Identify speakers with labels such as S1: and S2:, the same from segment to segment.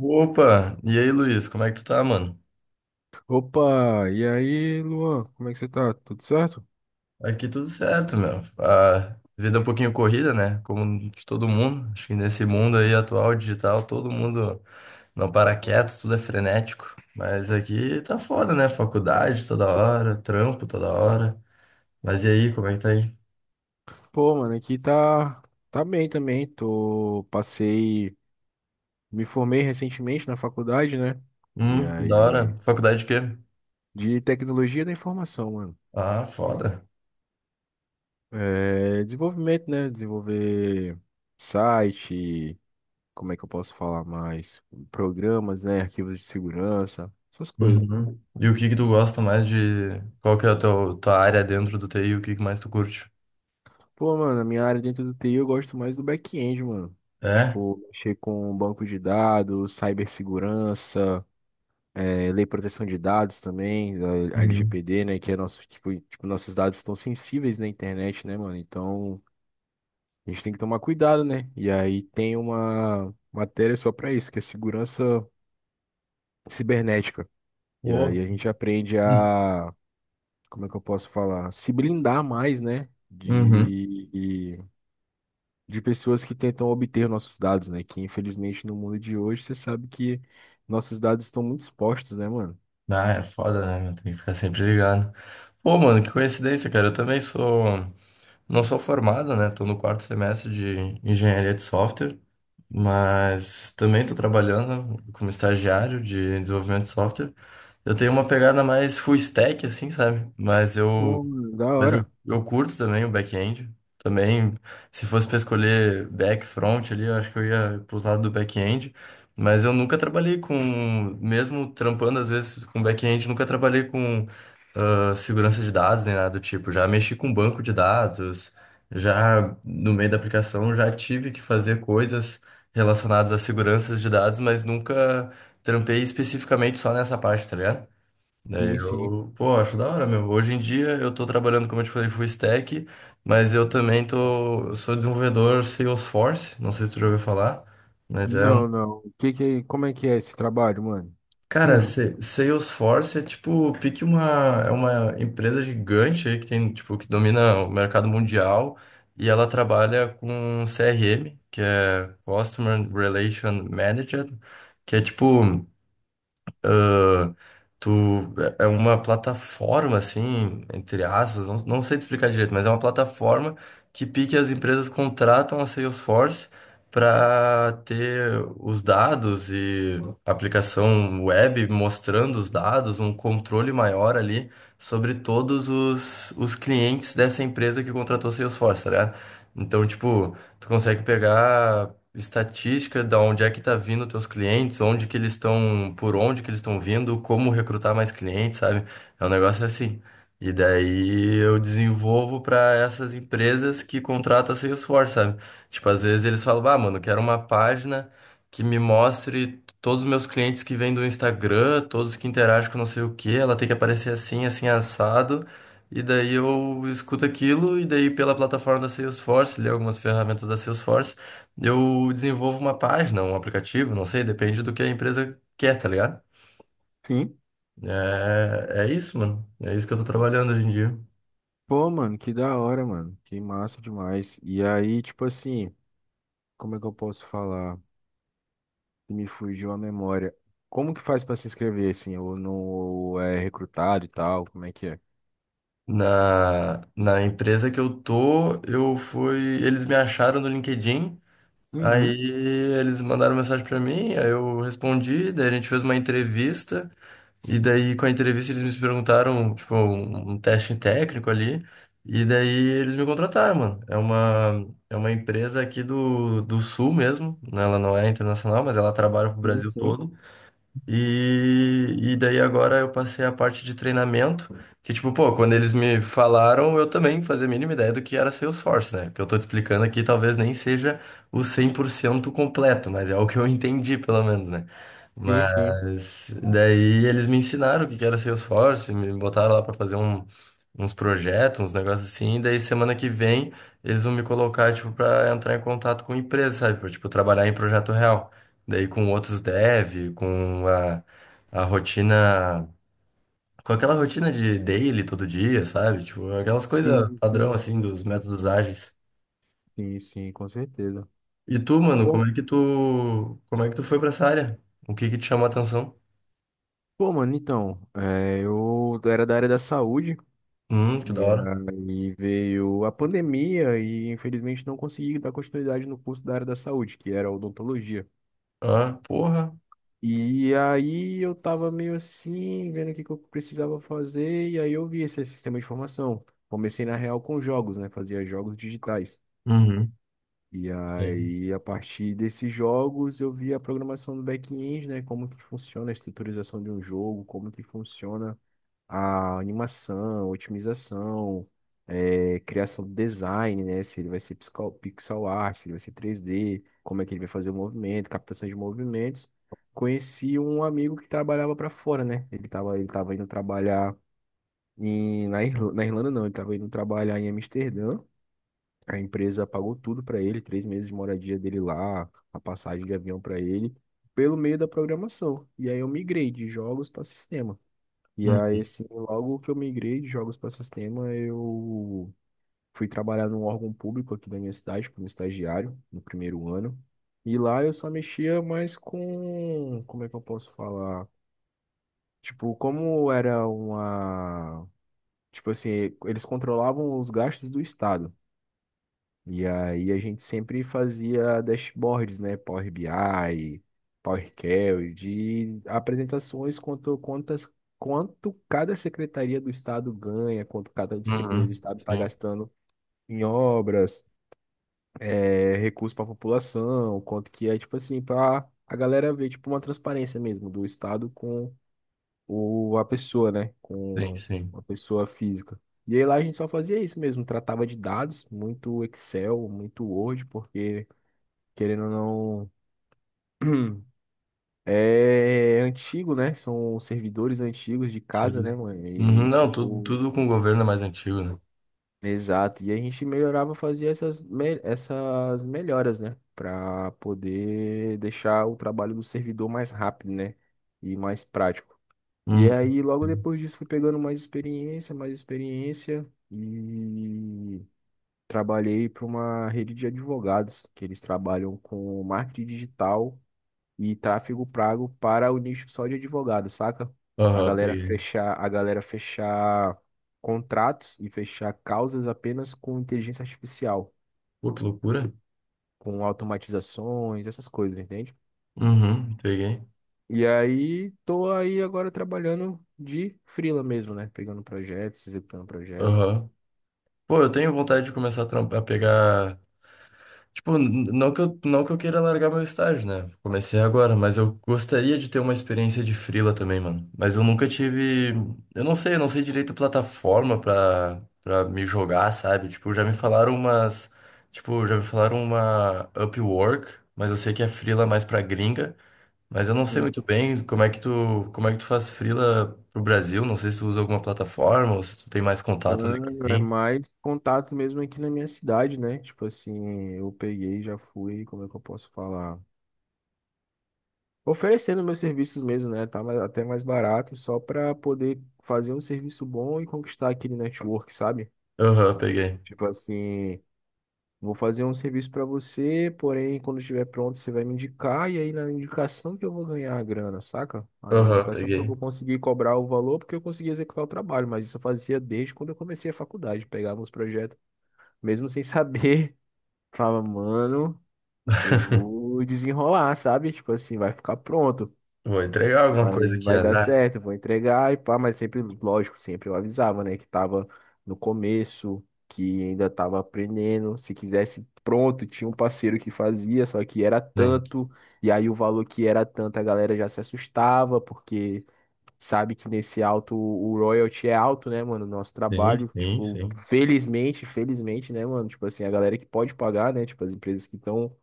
S1: Opa! E aí, Luiz, como é que tu tá, mano?
S2: Opa, e aí, Luan, como é que você tá? Tudo certo?
S1: Aqui tudo certo, meu. A vida é um pouquinho corrida, né? Como de todo mundo. Acho que nesse mundo aí atual, digital, todo mundo não para quieto, tudo é frenético. Mas aqui tá foda, né? Faculdade toda hora, trampo toda hora. Mas e aí, como é que tá aí?
S2: Pô, mano, aqui tá bem também. Passei, me formei recentemente na faculdade, né? E
S1: Que da
S2: aí,
S1: hora. Faculdade de quê?
S2: de tecnologia da informação, mano.
S1: Ah, foda.
S2: É, desenvolvimento, né? Desenvolver site, como é que eu posso falar mais? Programas, né? Arquivos de segurança, essas coisas.
S1: Uhum. E o que que tu gosta mais de... Qual que é a tua área dentro do TI? O que que mais tu curte?
S2: Pô, mano, a minha área dentro do TI eu gosto mais do back-end, mano.
S1: É?
S2: Tipo, mexer com banco de dados, cibersegurança, lei de proteção de dados também, a
S1: Uhum.
S2: LGPD, né? Que é nosso, tipo, nossos dados estão sensíveis na internet, né, mano? Então, a gente tem que tomar cuidado, né? E aí tem uma matéria só pra isso, que é segurança cibernética. E aí
S1: Pô.
S2: a gente aprende a, como é que eu posso falar? Se blindar mais, né?
S1: Uhum.
S2: De de pessoas que tentam obter nossos dados, né? Que infelizmente no mundo de hoje você sabe que nossos dados estão muito expostos, né, mano?
S1: Ah, é foda, né, meu? Tem que ficar sempre ligado. Pô, mano, que coincidência, cara. Eu também sou. Não sou formado, né? Tô no quarto semestre de engenharia de software, mas também tô trabalhando como estagiário de desenvolvimento de software. Eu tenho uma pegada mais full stack, assim, sabe? Mas eu...
S2: Pô, mano, da
S1: Mas eu,
S2: hora.
S1: eu curto também o back-end. Também, se fosse para escolher back, front ali, eu acho que eu ia pro lado do back-end. Mas eu nunca trabalhei com, mesmo trampando às vezes com back-end, nunca trabalhei com segurança de dados nem nada do tipo. Já mexi com banco de dados, já no meio da aplicação já tive que fazer coisas relacionadas a seguranças de dados, mas nunca trampei especificamente só nessa parte, tá ligado? Daí
S2: Sim, sim.
S1: eu, pô, acho da hora mesmo. Hoje em dia eu tô trabalhando, como eu te falei, full stack, mas eu também tô, eu sou desenvolvedor Salesforce, não sei se tu já ouviu falar, mas é, um-
S2: Não, não. O que que, como é que é esse trabalho, mano?
S1: cara, se- Salesforce é tipo, pique uma, é uma empresa gigante aí que tem, tipo, que domina o mercado mundial e ela trabalha com CRM, que é Customer Relation Manager, que é tipo... ah, Tu... é uma plataforma, assim, entre aspas, não, não sei te explicar direito, mas é uma plataforma que pique as empresas contratam a Salesforce para ter os dados e aplicação web mostrando os dados, um controle maior ali sobre todos os clientes dessa empresa que contratou a Salesforce, tá ligado? Então, tipo, tu consegue pegar estatística, da onde é que tá vindo teus clientes, onde que eles estão, por onde que eles estão vindo, como recrutar mais clientes, sabe? É um negócio assim. E daí eu desenvolvo para essas empresas que contratam a Salesforce, sabe? Tipo, às vezes eles falam, ah, mano, quero uma página que me mostre todos os meus clientes que vêm do Instagram, todos que interagem com não sei o quê, ela tem que aparecer assim, assim, assado. E daí eu escuto aquilo, e daí pela plataforma da Salesforce, li algumas ferramentas da Salesforce. Eu desenvolvo uma página, um aplicativo, não sei, depende do que a empresa quer, tá ligado?
S2: Sim.
S1: É, é isso, mano. É isso que eu tô trabalhando hoje em dia.
S2: Pô, mano, que da hora, mano. Que massa demais. E aí, tipo assim, como é que eu posso falar? Me fugiu a memória. Como que faz pra se inscrever, assim? Ou não ou é recrutado e tal? Como é que é?
S1: Na, na empresa que eu tô, eu fui. Eles me acharam no LinkedIn, aí
S2: Uhum.
S1: eles mandaram mensagem pra mim, aí eu respondi, daí a gente fez uma entrevista. E daí, com a entrevista, eles me perguntaram, tipo, um teste técnico ali. E daí, eles me contrataram, mano. É uma empresa aqui do, do Sul mesmo. Né? Ela não é internacional, mas ela trabalha pro
S2: Sim,
S1: Brasil
S2: sim.
S1: todo. E daí agora eu passei a parte de treinamento, que tipo, pô, quando eles me falaram, eu também fazia a mínima ideia do que era Salesforce, né? O que eu tô te explicando aqui talvez nem seja o 100% completo, mas é o que eu entendi, pelo menos, né?
S2: Sim, sim.
S1: Mas daí eles me ensinaram o que que era Salesforce, me botaram lá pra fazer um- uns projetos, uns negócios assim, e daí semana que vem eles vão me colocar, tipo, pra entrar em contato com empresa, sabe? Pra, tipo, trabalhar em projeto real. Daí com outros dev, com a rotina, com aquela rotina de daily todo dia, sabe? Tipo, aquelas coisas
S2: Sim,
S1: padrão
S2: sim,
S1: assim
S2: sim,
S1: dos
S2: sim,
S1: métodos
S2: sim.
S1: ágeis.
S2: Sim, sim, com certeza.
S1: E tu, mano,
S2: Pô,
S1: como é que tu, como é que tu foi pra essa área? O que que te chamou a atenção?
S2: pô, mano, então, eu era da área da saúde
S1: Que
S2: e
S1: da hora.
S2: aí veio a pandemia e infelizmente não consegui dar continuidade no curso da área da saúde, que era odontologia.
S1: Ah, porra.
S2: E aí eu tava meio assim, vendo o que que eu precisava fazer e aí eu vi esse sistema de formação. Comecei na real com jogos, né? Fazia jogos digitais.
S1: Uhum.
S2: E
S1: Sim.
S2: aí, a partir desses jogos, eu vi a programação do back-end, né? Como que funciona a estruturização de um jogo, como que funciona a animação, otimização, criação do design, né? Se ele vai ser pixel art, se ele vai ser 3D, como é que ele vai fazer o movimento, captação de movimentos. Conheci um amigo que trabalhava para fora, né? Ele tava indo trabalhar na Irlanda, na Irlanda não, ele tava indo trabalhar em Amsterdã. A empresa pagou tudo para ele, 3 meses de moradia dele lá, a passagem de avião para ele, pelo meio da programação. E aí eu migrei de jogos para sistema. E aí,
S1: Uhum.
S2: assim, logo que eu migrei de jogos para sistema, eu fui trabalhar num órgão público aqui da minha cidade, como estagiário, no primeiro ano. E lá eu só mexia mais com, como é que eu posso falar? Tipo, como era uma, tipo assim, eles controlavam os gastos do estado. E aí a gente sempre fazia dashboards, né? Power BI, Power Query, de apresentações quanto cada secretaria do estado ganha, quanto cada secretaria do
S1: Uhum.
S2: estado está
S1: Sim,
S2: gastando em obras, recursos para a população, quanto que é tipo assim para a galera ver tipo uma transparência mesmo do estado com ou a pessoa, né?
S1: sim,
S2: Com
S1: sim.
S2: uma pessoa física. E aí lá a gente só fazia isso mesmo, tratava de dados, muito Excel, muito Word, porque querendo ou não, é antigo, né? São servidores antigos de casa, né,
S1: Sim.
S2: mano?
S1: Uhum.
S2: E
S1: Não, tudo,
S2: tipo,
S1: tudo com o governo é mais antigo, né?
S2: exato. E a gente melhorava, fazia essas melhoras, né? Pra poder deixar o trabalho do servidor mais rápido, né? E mais prático. E
S1: Uhum.
S2: aí, logo
S1: Sim.
S2: depois disso, fui pegando mais experiência e trabalhei para uma rede de advogados, que eles trabalham com marketing digital e tráfego pago para o nicho só de advogados, saca? A
S1: Aham,
S2: galera
S1: peguei.
S2: fechar, a galera fechar contratos e fechar causas apenas com inteligência artificial,
S1: Pô, que loucura.
S2: com automatizações, essas coisas, entende?
S1: Uhum, peguei.
S2: E aí, tô aí agora trabalhando de freela mesmo, né? Pegando projetos, executando projetos.
S1: Aham. Pô, eu tenho vontade de começar a trampar, pegar. Tipo, n- não que eu, não que eu queira largar meu estágio, né? Comecei agora, mas eu gostaria de ter uma experiência de freela também, mano. Mas eu nunca tive. Eu não sei direito a plataforma pra, pra me jogar, sabe? Tipo, já me falaram umas. Tipo, já me falaram uma Upwork, mas eu sei que é freela mais pra gringa. Mas eu não sei
S2: Hum,
S1: muito bem como é que tu, como é que tu faz freela pro Brasil. Não sei se tu usa alguma plataforma ou se tu tem mais contato no
S2: Mano, é
S1: LinkedIn.
S2: mais contato mesmo aqui na minha cidade, né? Tipo assim, eu peguei, já fui, como é que eu posso falar? Oferecendo meus serviços mesmo, né? Tá até mais barato, só pra poder fazer um serviço bom e conquistar aquele network, sabe?
S1: Aham, peguei.
S2: Tipo assim, vou fazer um serviço pra você, porém, quando estiver pronto, você vai me indicar, e aí na indicação que eu vou ganhar a grana, saca? Ah, na
S1: Aham,
S2: indicação que eu
S1: peguei.
S2: vou conseguir cobrar o valor, porque eu consegui executar o trabalho, mas isso eu fazia desde quando eu comecei a faculdade, pegava uns projetos mesmo sem saber, falava, mano, eu vou desenrolar, sabe? Tipo assim, vai ficar pronto,
S1: Vou entregar alguma
S2: vai,
S1: coisa aqui,
S2: vai dar
S1: azar.
S2: certo, vou entregar e pá, mas sempre, lógico, sempre eu avisava, né, que tava no começo, que ainda tava aprendendo, se quisesse pronto, tinha um parceiro que fazia, só que era
S1: Sim,
S2: tanto, e aí o valor que era tanto, a galera já se assustava, porque sabe que nesse alto o royalty é alto, né, mano? Nosso
S1: sim,
S2: trabalho,
S1: sim.
S2: tipo,
S1: Sim.
S2: felizmente, felizmente, né, mano? Tipo assim, a galera que pode pagar, né? Tipo, as empresas que estão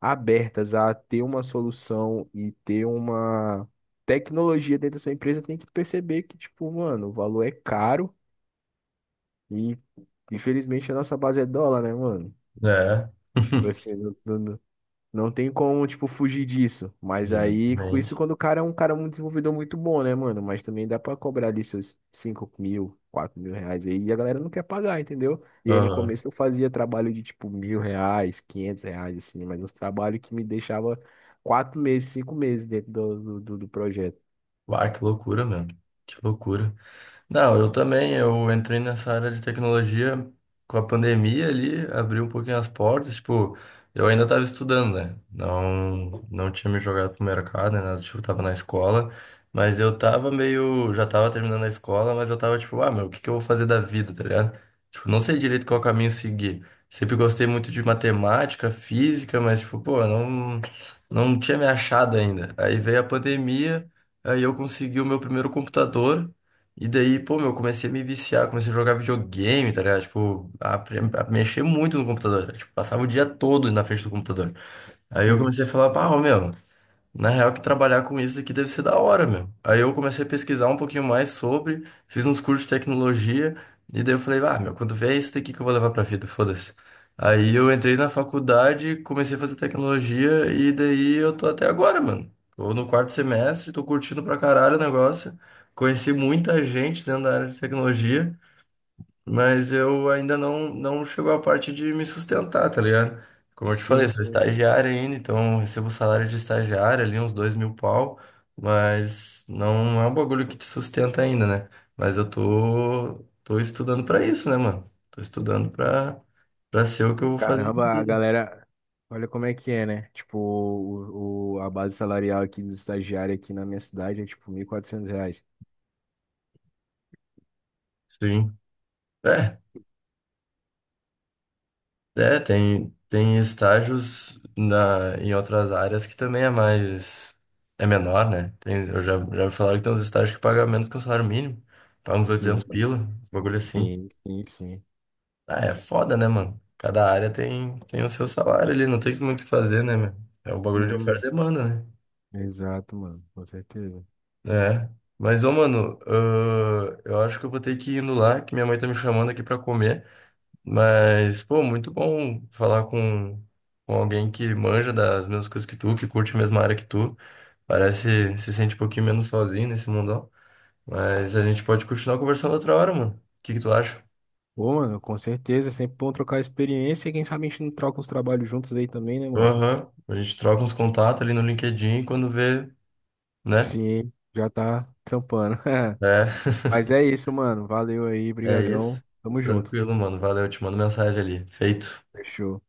S2: abertas a ter uma solução e ter uma tecnologia dentro da sua empresa tem que perceber que, tipo, mano, o valor é caro e infelizmente a nossa base é dólar, né, mano?
S1: É,
S2: Você não tem como, tipo, fugir disso. Mas aí, com isso,
S1: exatamente.
S2: quando o cara é um cara muito desenvolvedor muito bom, né, mano? Mas também dá pra cobrar ali seus 5 mil, R$ 4.000 aí. E a galera não quer pagar, entendeu? E aí, no
S1: Aham.
S2: começo, eu fazia trabalho de, tipo, R$ 1.000, R$ 500, assim. Mas uns trabalhos que me deixava 4 meses, 5 meses dentro do projeto.
S1: Uai, que loucura, meu. Que loucura. Não, eu também, eu entrei nessa área de tecnologia com a pandemia ali, abri um pouquinho as portas, tipo, eu ainda estava estudando, né? Não, não tinha me jogado pro mercado, né? Nada, tipo, tava na escola, mas eu tava meio, já tava terminando a escola, mas eu tava tipo, ah, meu, o que que eu vou fazer da vida, tá ligado? Tipo, não sei direito qual caminho seguir. Sempre gostei muito de matemática, física, mas tipo, pô, não, não tinha me achado ainda. Aí veio a pandemia, aí eu consegui o meu primeiro computador e daí, pô, meu, eu comecei a me viciar, comecei a jogar videogame, tá ligado? Tipo, a mexer muito no computador, tá ligado? Tipo, passava o dia todo na frente do computador. Aí eu
S2: Sim,
S1: comecei a falar, pá, ô, meu. Na real, que trabalhar com isso aqui deve ser da hora, meu. Aí eu comecei a pesquisar um pouquinho mais sobre, fiz uns cursos de tecnologia, e daí eu falei, ah, meu, quando vier isso daqui que eu vou levar pra vida, foda-se. Aí eu entrei na faculdade, comecei a fazer tecnologia, e daí eu tô até agora, mano. Tô no quarto semestre, tô curtindo pra caralho o negócio. Conheci muita gente dentro da área de tecnologia. Mas eu ainda não, não chegou a parte de me sustentar, tá ligado? Como eu te falei,
S2: sim,
S1: sou
S2: sim.
S1: estagiário ainda, então eu recebo um salário de estagiário ali, uns 2.000 pau, mas não é um bagulho que te sustenta ainda, né? Mas eu tô, tô estudando pra isso, né, mano? Tô estudando pra, pra ser o que eu vou fazer na
S2: Caramba, a
S1: vida.
S2: galera, olha como é que é, né? Tipo, a base salarial aqui dos estagiários aqui na minha cidade é tipo R$ 1.400.
S1: Sim. É. É, tem, tem estágios na, em outras áreas que também é mais. É menor, né? Tem, eu já, já me falaram que tem uns estágios que pagam menos que o salário mínimo. Paga uns 800
S2: Sim,
S1: pila, uns bagulho assim.
S2: sim, sim, sim.
S1: Ah, é foda, né, mano? Cada área tem, tem o seu salário ali, não tem muito o que fazer, né, meu? É o bagulho de
S2: Hum,
S1: oferta e demanda, né?
S2: exato, mano, com certeza.
S1: É. Mas, ô, mano, eu acho que eu vou ter que ir indo lá, que minha mãe tá me chamando aqui pra comer. Mas, pô, muito bom falar com alguém que manja das mesmas coisas que tu, que curte a mesma área que tu. Parece se sente um pouquinho menos sozinho nesse mundão. Mas a gente pode continuar conversando outra hora, mano. O que que tu acha?
S2: Pô, mano, com certeza, é sempre bom trocar experiência e quem sabe a gente não troca uns trabalhos juntos aí também, né, mano?
S1: Aham. A gente troca uns contatos ali no LinkedIn e quando vê, né?
S2: Sim, já tá trampando.
S1: É.
S2: Mas é isso, mano, valeu aí,
S1: É
S2: brigadão,
S1: isso.
S2: tamo junto.
S1: Tranquilo, mano. Valeu, eu te mando mensagem ali. Feito.
S2: Fechou.